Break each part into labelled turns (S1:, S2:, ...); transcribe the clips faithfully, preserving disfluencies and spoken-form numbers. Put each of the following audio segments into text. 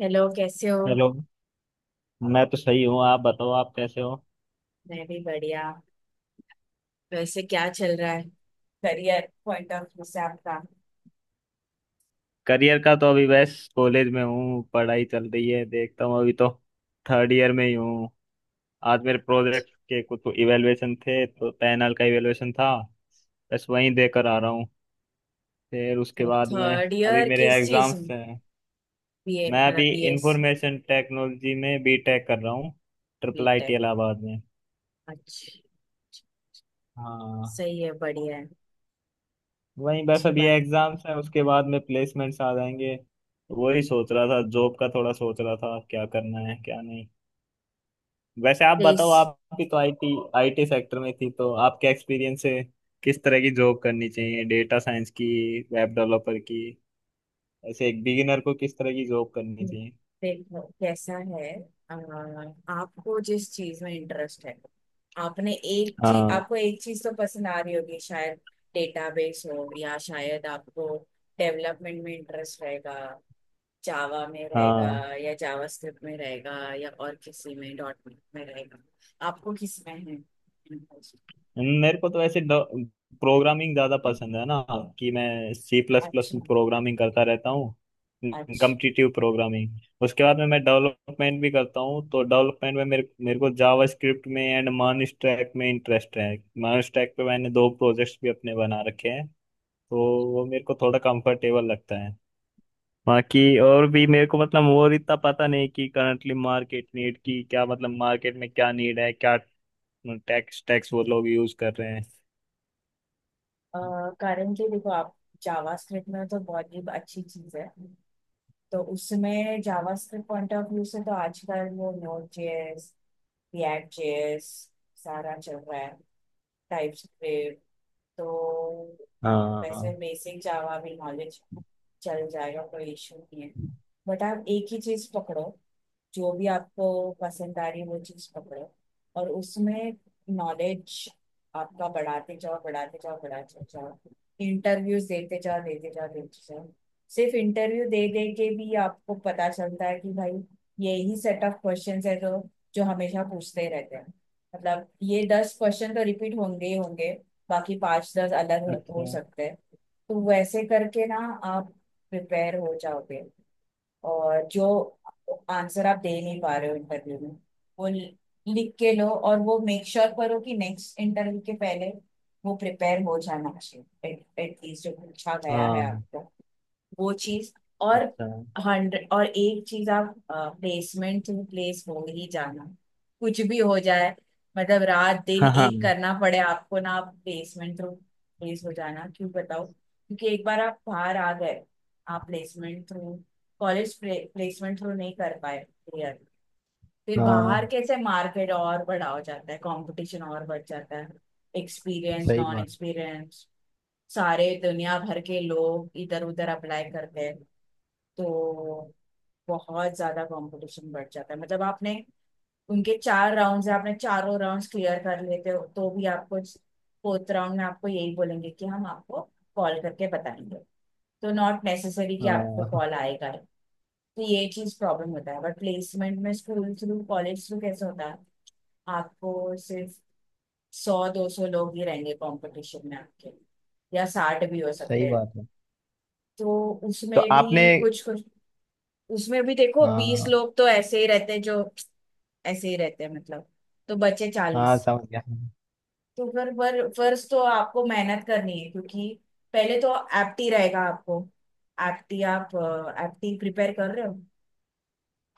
S1: Hello, कैसे हो।
S2: Hello. मैं तो सही हूँ, आप बताओ, आप कैसे हो?
S1: मैं भी बढ़िया। वैसे क्या चल रहा है करियर पॉइंट ऑफ व्यू से आपका?
S2: करियर का तो अभी बस कॉलेज में हूँ, पढ़ाई चल रही है, देखता हूँ अभी तो। थर्ड ईयर में ही हूँ। आज मेरे प्रोजेक्ट के कुछ इवेलुएशन थे, तो पैनल का इवेलुएशन था। बस वहीं देकर आ रहा हूँ। फिर उसके बाद में
S1: थर्ड
S2: अभी
S1: ईयर
S2: मेरे
S1: किस चीज
S2: एग्जाम्स
S1: में?
S2: हैं।
S1: बीए
S2: मैं अभी
S1: मतलब बीएस?
S2: इंफॉर्मेशन टेक्नोलॉजी में बीटेक कर रहा हूँ। ट्रिपल आईटी
S1: बीटेक,
S2: इलाहाबाद में।
S1: अच्छा।
S2: हाँ।
S1: सही है, बढ़िया है।
S2: वही बस
S1: अच्छी
S2: अभी
S1: बात।
S2: एग्जाम्स है, उसके बाद में प्लेसमेंट्स आ जाएंगे। वही सोच रहा था, जॉब का थोड़ा सोच रहा था, क्या करना है क्या नहीं। वैसे आप
S1: प्लीज।
S2: बताओ, आप भी तो आईटी आईटी सेक्टर में थी, तो आपके एक्सपीरियंस से किस तरह की जॉब करनी चाहिए, डेटा साइंस की, वेब डेवलपर की, ऐसे एक बिगिनर को किस तरह की जॉब करनी चाहिए?
S1: देखो कैसा है, अ, आपको जिस चीज में इंटरेस्ट है, आपने एक चीज,
S2: हाँ,
S1: आपको एक चीज तो पसंद आ रही होगी शायद। डेटाबेस हो, या शायद आपको डेवलपमेंट में इंटरेस्ट रहेगा, जावा में रहेगा,
S2: हाँ।
S1: या जावा स्क्रिप्ट में रहेगा, या और किसी में, डॉट नेट में रहेगा। आपको किस में है?
S2: मेरे को तो ऐसे प्रोग्रामिंग ज्यादा पसंद है ना, कि मैं सी प्लस प्लस
S1: अच्छा,
S2: में प्रोग्रामिंग करता रहता हूँ।
S1: अच्छा।
S2: Competitive programming. उसके बाद में मैं डेवलपमेंट भी करता हूँ, तो डेवलपमेंट में मेरे मेरे को जावा स्क्रिप्ट में एंड मान स्टैक में इंटरेस्ट है। मान स्टैक पे मैंने दो प्रोजेक्ट्स भी अपने बना रखे हैं। तो वो मेरे को थोड़ा कंफर्टेबल लगता है। बाकी और भी मेरे को मतलब और इतना पता नहीं कि करंटली मार्केट नीड की क्या, मतलब मार्केट में क्या नीड है, क्या टैक्स टैक्स वो लोग यूज कर रहे हैं।
S1: करेंटली देखो, आप जावा स्क्रिप्ट में तो बहुत ही अच्छी चीज है। तो उसमें JavaScript point of view से तो आजकल वो नोड जेएस, रिएक्ट जेएस सारा चल रहा है, टाइप स्क्रिप्ट। तो वैसे
S2: हाँ।
S1: बेसिक जावा भी नॉलेज चल जाएगा, कोई इशू नहीं है। बट आप एक ही चीज पकड़ो, जो भी आपको पसंद आ रही है वो चीज पकड़ो, और उसमें नॉलेज आपका बढ़ाते जाओ बढ़ाते जाओ बढ़ाते जाओ। इंटरव्यूज देते जाओ देते जाओ देते जाओ। सिर्फ इंटरव्यू दे दे के भी आपको पता चलता है कि भाई, यही सेट ऑफ क्वेश्चंस है जो जो हमेशा पूछते रहते हैं। मतलब ये दस क्वेश्चन तो रिपीट होंगे ही होंगे, बाकी पांच दस अलग हो
S2: अच्छा।
S1: हो सकते हैं। तो वैसे करके ना आप प्रिपेयर हो जाओगे। और जो आंसर आप दे नहीं पा रहे हो इंटरव्यू में, वो लि- लिख के लो, और वो मेक श्योर sure करो कि नेक्स्ट इंटरव्यू के पहले वो प्रिपेयर हो जाना चाहिए, एटलीस्ट जो पूछा गया है
S2: हाँ।
S1: आपको वो चीज। और
S2: अच्छा।
S1: हंड्रेड और एक चीज, आप प्लेसमेंट टू प्लेस हो ही जाना, कुछ भी हो जाए। मतलब रात दिन
S2: हाँ, हाँ।
S1: एक करना पड़े आपको ना, आप प्लेसमेंट थ्रू प्लेस हो जाना। क्यों बताओ? क्योंकि एक बार आप बाहर आ गए, आप placement through, college placement through नहीं कर पाए क्लियर, फिर
S2: हाँ,
S1: बाहर कैसे, मार्केट और बड़ा हो जाता है, कंपटीशन और बढ़ जाता है। एक्सपीरियंस,
S2: सही
S1: नॉन
S2: बात।
S1: एक्सपीरियंस, सारे दुनिया भर के लोग इधर उधर अप्लाई करते हैं। तो बहुत ज्यादा कंपटीशन बढ़ जाता है। मतलब आपने, उनके चार राउंड्स है, आपने चारों राउंड्स क्लियर कर लेते हो तो भी आपको फोर्थ राउंड में आपको यही बोलेंगे कि हम आपको कॉल करके बताएंगे। तो नॉट नेसेसरी कि आपको
S2: हाँ,
S1: कॉल आएगा ही। तो ये चीज प्रॉब्लम होता है। बट प्लेसमेंट में, स्कूल थ्रू, कॉलेज थ्रू कैसे होता है, आपको सिर्फ सौ दो सौ लोग ही रहेंगे कंपटीशन में आपके, या साठ भी हो सकते
S2: सही
S1: हैं।
S2: बात है।
S1: तो
S2: तो
S1: उसमें
S2: आपने,
S1: भी कुछ कुछ, उसमें भी देखो बीस
S2: हाँ,
S1: लोग तो ऐसे ही रहते हैं, जो ऐसे ही रहते हैं मतलब, तो बचे
S2: हाँ,
S1: चालीस।
S2: समझ गया।
S1: तो फिर पर फर्स्ट तो आपको मेहनत करनी है क्योंकि पहले तो एप्टी रहेगा आपको। एप्टी आप, एप्टी प्रिपेयर कर रहे हो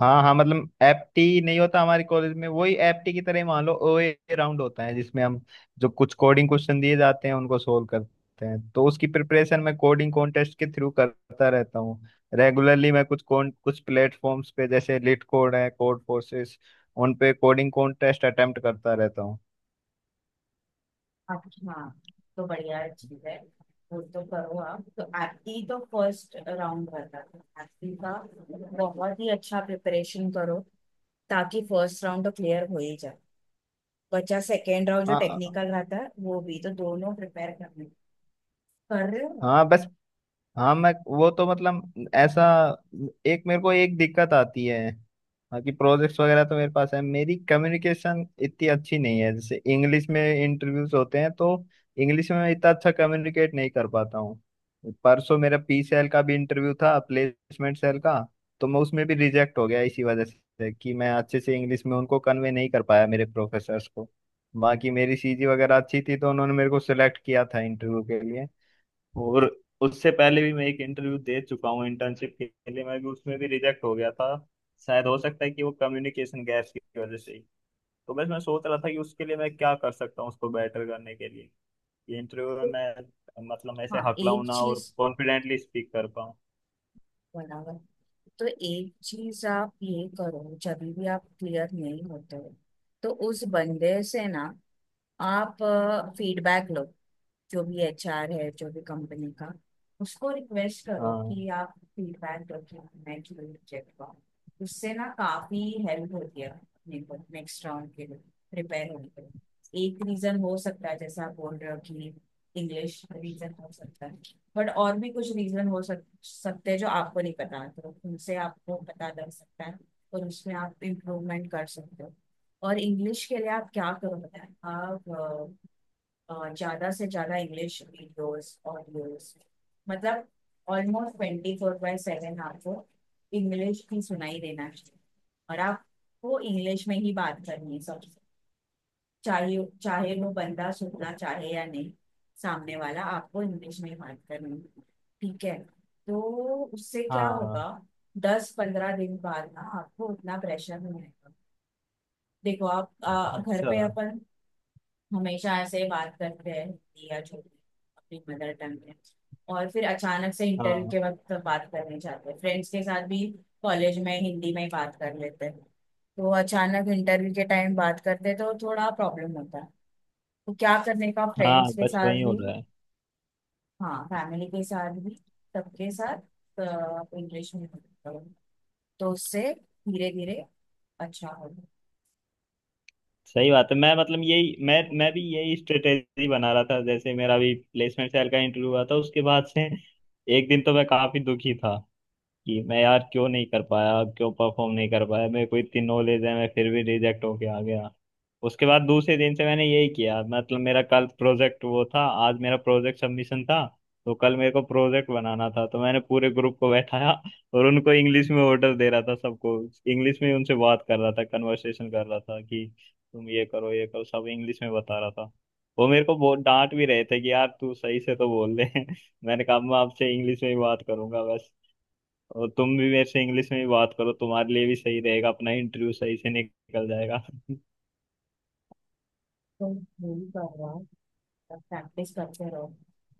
S2: हाँ, हाँ, मतलब एप्टी नहीं होता हमारे कॉलेज में, वही एप्टी की तरह ही मान लो, ओए राउंड होता है जिसमें हम जो कुछ कोडिंग क्वेश्चन दिए जाते हैं उनको सोल्व करते हैं, तो उसकी प्रिपरेशन मैं कोडिंग कॉन्टेस्ट के थ्रू करता रहता हूँ। रेगुलरली मैं कुछ कौन कुछ प्लेटफॉर्म्स पे, जैसे लिट कोड है, कोड फोर्सेस, उन पे कोडिंग कॉन्टेस्ट अटेम्प्ट करता रहता हूँ।
S1: आप? हाँ, तो बढ़िया चीज है, वो तो करो। आप तो एप्टी तो फर्स्ट राउंड रहता है एप्टी का, बहुत ही अच्छा प्रिपरेशन करो ताकि फर्स्ट राउंड तो क्लियर हो ही जाए। बचा सेकेंड राउंड, जो
S2: हाँ,
S1: टेक्निकल रहता है, वो भी तो दोनों प्रिपेयर करने कर रहे हो आप?
S2: हाँ, बस। हाँ, मैं वो तो मतलब ऐसा, एक मेरे को एक दिक्कत आती है। बाकी प्रोजेक्ट्स वगैरह तो मेरे पास है, मेरी कम्युनिकेशन इतनी अच्छी नहीं है, जैसे इंग्लिश में इंटरव्यूज होते हैं, तो इंग्लिश में मैं इतना अच्छा कम्युनिकेट नहीं कर पाता हूँ। परसों मेरा पी सेल का भी इंटरव्यू था, प्लेसमेंट सेल का। तो मैं उसमें भी रिजेक्ट हो गया, इसी वजह से कि मैं अच्छे से इंग्लिश में उनको कन्वे नहीं कर पाया, मेरे प्रोफेसर्स को। बाकी मेरी सीजी वगैरह अच्छी थी, तो उन्होंने मेरे को सिलेक्ट किया था इंटरव्यू के लिए। और उससे पहले भी मैं एक इंटरव्यू दे चुका हूँ इंटर्नशिप के लिए, मैं भी उसमें भी रिजेक्ट हो गया था। शायद हो सकता है कि वो कम्युनिकेशन गैप्स की वजह से ही। तो बस मैं सोच रहा था कि उसके लिए मैं क्या कर सकता हूँ, उसको बेटर करने के लिए, ये इंटरव्यू में मैं मतलब ऐसे
S1: हाँ,
S2: हकलाऊँ
S1: एक
S2: ना, और
S1: चीज,
S2: कॉन्फिडेंटली स्पीक कर पाऊँ।
S1: बराबर। तो एक चीज आप ये करो, जब भी आप क्लियर नहीं होते हो, तो उस बंदे से ना आप फीडबैक लो, जो भी एचआर है, जो भी कंपनी का, उसको रिक्वेस्ट करो
S2: हाँ,
S1: कि आप फीडबैक दो कि मैं क्यों रिजेक्ट हुआ। उससे ना काफी हेल्प होती है अपने को नेक्स्ट राउंड के लिए प्रिपेयर होने के लिए। एक रीजन हो सकता है जैसा आप बोल रहे हो कि इंग्लिश रीजन हो सकता है, बट और भी कुछ रीजन हो सक, सकते हैं जो आपको नहीं पता, तो उनसे आपको पता लग सकता है और उसमें आप इम्प्रूवमेंट कर सकते हो। और इंग्लिश के लिए आप क्या करो बताएं आप, ज़्यादा से ज़्यादा इंग्लिश वीडियोस, ऑडियोस, मतलब almost twenty four by seven आपको इंग्लिश ही सुनाई देना चाहिए। और आपको इंग्लिश में ही बात करनी है सबसे, चाहे चाहे वो बंदा सुनना चाहे या नहीं, सामने वाला, आपको इंग्लिश में ही बात करनी है, ठीक है? तो उससे क्या
S2: हाँ।
S1: होगा, दस पंद्रह दिन बाद ना आपको उतना प्रेशर नहीं रहेगा। देखो आप, आ, घर
S2: अच्छा।
S1: पे अपन हमेशा ऐसे बात करते हैं हिंदी या जो भी अपनी मदर टंग है, और फिर अचानक से इंटरव्यू
S2: हाँ,
S1: के वक्त बात करने जाते हैं, फ्रेंड्स के साथ भी कॉलेज में हिंदी में ही बात कर लेते हैं, तो अचानक इंटरव्यू के टाइम बात करते हैं तो थोड़ा प्रॉब्लम होता है। तो क्या करने का,
S2: हाँ,
S1: फ्रेंड्स के
S2: बस वही
S1: साथ
S2: हो
S1: भी,
S2: रहा है।
S1: हाँ, फैमिली के साथ भी, सबके साथ इंग्लिश में बात करो। तो उससे धीरे धीरे अच्छा होगा।
S2: सही बात है, मैं मतलब यही मैं मैं भी यही स्ट्रेटेजी बना रहा था, जैसे मेरा भी प्लेसमेंट सेल का इंटरव्यू हुआ था उसके बाद से। एक दिन तो मैं काफी दुखी था कि मैं यार क्यों नहीं कर पाया, क्यों परफॉर्म नहीं कर पाया, मेरे को इतनी नॉलेज है मैं फिर भी रिजेक्ट होके आ गया। उसके बाद दूसरे दिन से मैंने यही किया, मतलब मेरा कल प्रोजेक्ट वो था, आज मेरा प्रोजेक्ट सबमिशन था, तो कल मेरे को प्रोजेक्ट बनाना था, तो मैंने पूरे ग्रुप को बैठाया और उनको इंग्लिश में ऑर्डर दे रहा था सबको, इंग्लिश में उनसे बात कर रहा था, कन्वर्सेशन कर रहा था कि तुम ये करो ये करो सब इंग्लिश में बता रहा था। वो मेरे को बहुत डांट भी रहे थे कि यार तू सही से तो बोल ले। मैंने कहा मैं आपसे इंग्लिश में ही बात करूंगा बस, और तुम भी मेरे से इंग्लिश में ही बात करो, तुम्हारे लिए भी सही रहेगा, अपना इंटरव्यू सही से निकल जाएगा।
S1: तो यही कर रहा हूँ, प्रैक्टिस करते रहो,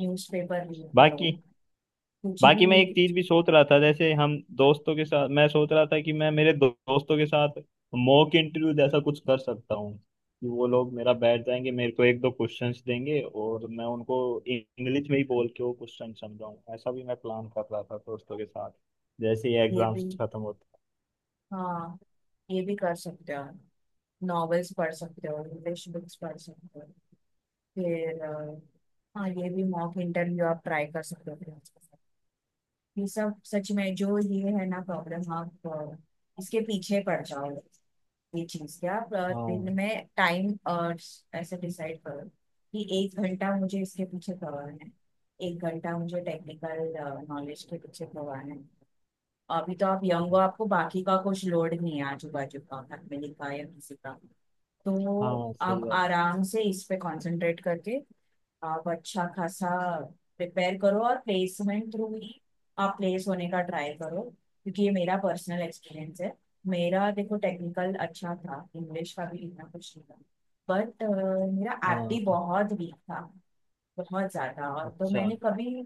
S1: न्यूज़पेपर रीड करो,
S2: बाकी
S1: कुछ भी।
S2: बाकी मैं एक चीज भी सोच रहा था, जैसे हम दोस्तों के साथ मैं सोच रहा था कि मैं मेरे दो, दोस्तों के साथ मॉक इंटरव्यू जैसा कुछ कर सकता हूँ, कि वो लोग मेरा बैठ जाएंगे, मेरे को एक दो क्वेश्चंस देंगे और मैं उनको इंग्लिश में ही बोल के वो क्वेश्चन समझाऊँ। ऐसा भी मैं प्लान कर रहा था दोस्तों के साथ, जैसे ही
S1: ये भी,
S2: एग्जाम्स खत्म होते।
S1: हाँ, ये भी कर सकते हो, नॉवेल्स पढ़ सकते हो, इंग्लिश बुक्स पढ़ सकते हो। फिर अ, हाँ, ये भी मॉक इंटरव्यू आप ट्राई कर सकते हो friends के साथ। ये सब सच में जो ये है ना प्रॉब्लम, आप अ, इसके पीछे पड़ जाओ। ये चीज, क्या आप अ, दिन
S2: हाँ,
S1: में टाइम ऐसे डिसाइड करो कि एक घंटा मुझे इसके पीछे करवाना है, एक घंटा मुझे टेक्निकल नॉलेज के पीछे करवाना है। अभी तो आप यंग हो, आपको बाकी का कुछ लोड नहीं है, आजू बाजू का, फैमिली का, या किसी का। तो
S2: हाँ, सही
S1: आप
S2: बात।
S1: आराम से इस पे कंसंट्रेट करके आप अच्छा खासा प्रिपेयर करो, और प्लेसमेंट थ्रू ही आप प्लेस होने का ट्राई करो, क्योंकि ये मेरा पर्सनल एक्सपीरियंस है। मेरा देखो टेक्निकल अच्छा था, इंग्लिश का भी इतना कुछ नहीं था, बट मेरा एप्टी
S2: हाँ।
S1: बहुत वीक था, बहुत ज्यादा। और तो
S2: अच्छा।
S1: मैंने कभी,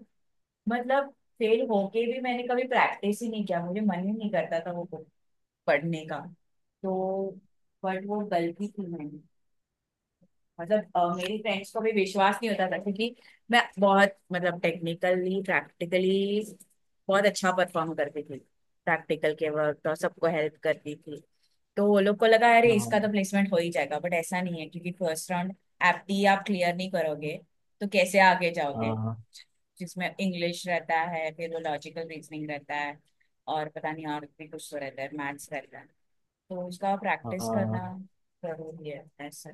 S1: मतलब फेल होके भी मैंने कभी प्रैक्टिस ही नहीं किया, मुझे मन ही नहीं करता था वो बुक पढ़ने का। तो बट वो गलती थी मैंने। मतलब अ, मेरी फ्रेंड्स को भी विश्वास नहीं होता था क्योंकि मैं बहुत, मतलब टेक्निकली, प्रैक्टिकली बहुत अच्छा परफॉर्म करती थी, प्रैक्टिकल के वर्क और सबको हेल्प करती थी। तो वो लोग को लगा अरे इसका
S2: हाँ,
S1: तो प्लेसमेंट हो ही जाएगा, बट ऐसा नहीं है क्योंकि फर्स्ट राउंड एप्टी आप क्लियर नहीं करोगे तो कैसे आगे जाओगे,
S2: हाँ,
S1: जिसमें इंग्लिश रहता है, फिर वो लॉजिकल रीजनिंग रहता है, और पता नहीं और भी कुछ तो रहता है, मैथ्स रहता है। तो उसका प्रैक्टिस
S2: हाँ,
S1: करना जरूरी है, ऐसा।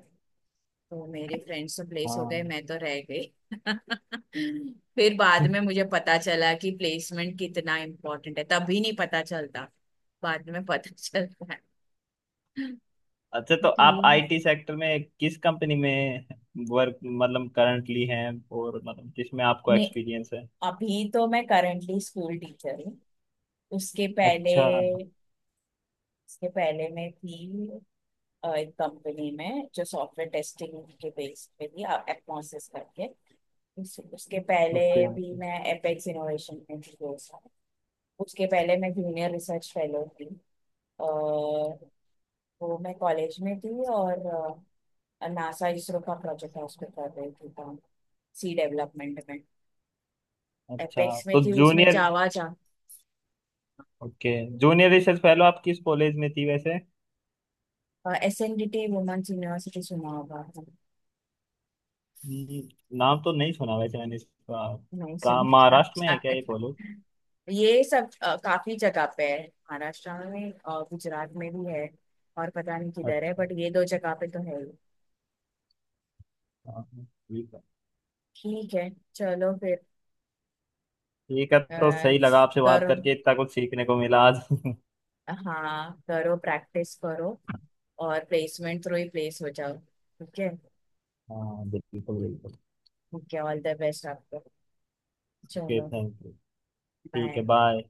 S1: तो मेरे फ्रेंड्स तो प्लेस हो
S2: हाँ।
S1: गए, मैं तो रह गई। फिर बाद में मुझे पता चला कि प्लेसमेंट कितना इम्पोर्टेंट है, तभी नहीं पता चलता, बाद में पता चलता है।
S2: अच्छा, तो आप
S1: कि
S2: आईटी सेक्टर में किस कंपनी में वर्क मतलब करंटली हैं, और मतलब जिसमें आपको
S1: नहीं,
S2: एक्सपीरियंस है?
S1: अभी तो मैं करंटली स्कूल टीचर हूँ। उसके पहले,
S2: अच्छा।
S1: उसके पहले मैं थी अ, एक कंपनी में जो सॉफ्टवेयर टेस्टिंग के बेस पे थी, एटमॉसिस करके। उस, उसके पहले
S2: ओके।
S1: भी मैं एपेक्स इनोवेशन में थी दो साल। उसके पहले मैं जूनियर रिसर्च फेलो थी, अ, वो मैं कॉलेज में थी, और नासा इसरो का प्रोजेक्ट है उस पर कर रही थी काम, सी डेवलपमेंट में।
S2: अच्छा।
S1: एपेक्स में
S2: तो
S1: थी उसमें
S2: जूनियर,
S1: जावा जा।
S2: ओके। जूनियर रिसर्च फेलो आप किस कॉलेज में थी वैसे?
S1: S N D T women's university सुना होगा?
S2: हम्म। नाम तो नहीं सुना वैसे मैंने इसका।
S1: नहीं
S2: कहाँ,
S1: सुन
S2: महाराष्ट्र में है क्या ये कॉलेज?
S1: ये सब अ, काफी जगह पे है, महाराष्ट्र में, और गुजरात में भी है, और पता नहीं किधर है,
S2: अच्छा।
S1: बट ये दो जगह पे तो है ही।
S2: हाँ, ठीक है।
S1: ठीक है, चलो फिर।
S2: ठीक है, तो
S1: अ,
S2: सही लगा आपसे बात
S1: करो,
S2: करके, इतना कुछ सीखने को मिला आज।
S1: हाँ करो, प्रैक्टिस करो, और प्लेसमेंट थ्रू ही प्लेस हो जाओ, ठीक है।
S2: हाँ बिल्कुल, बिल्कुल।
S1: ठीक है, ऑल द बेस्ट आपको,
S2: ओके,
S1: चलो,
S2: थैंक यू। ठीक है,
S1: बाय।
S2: बाय।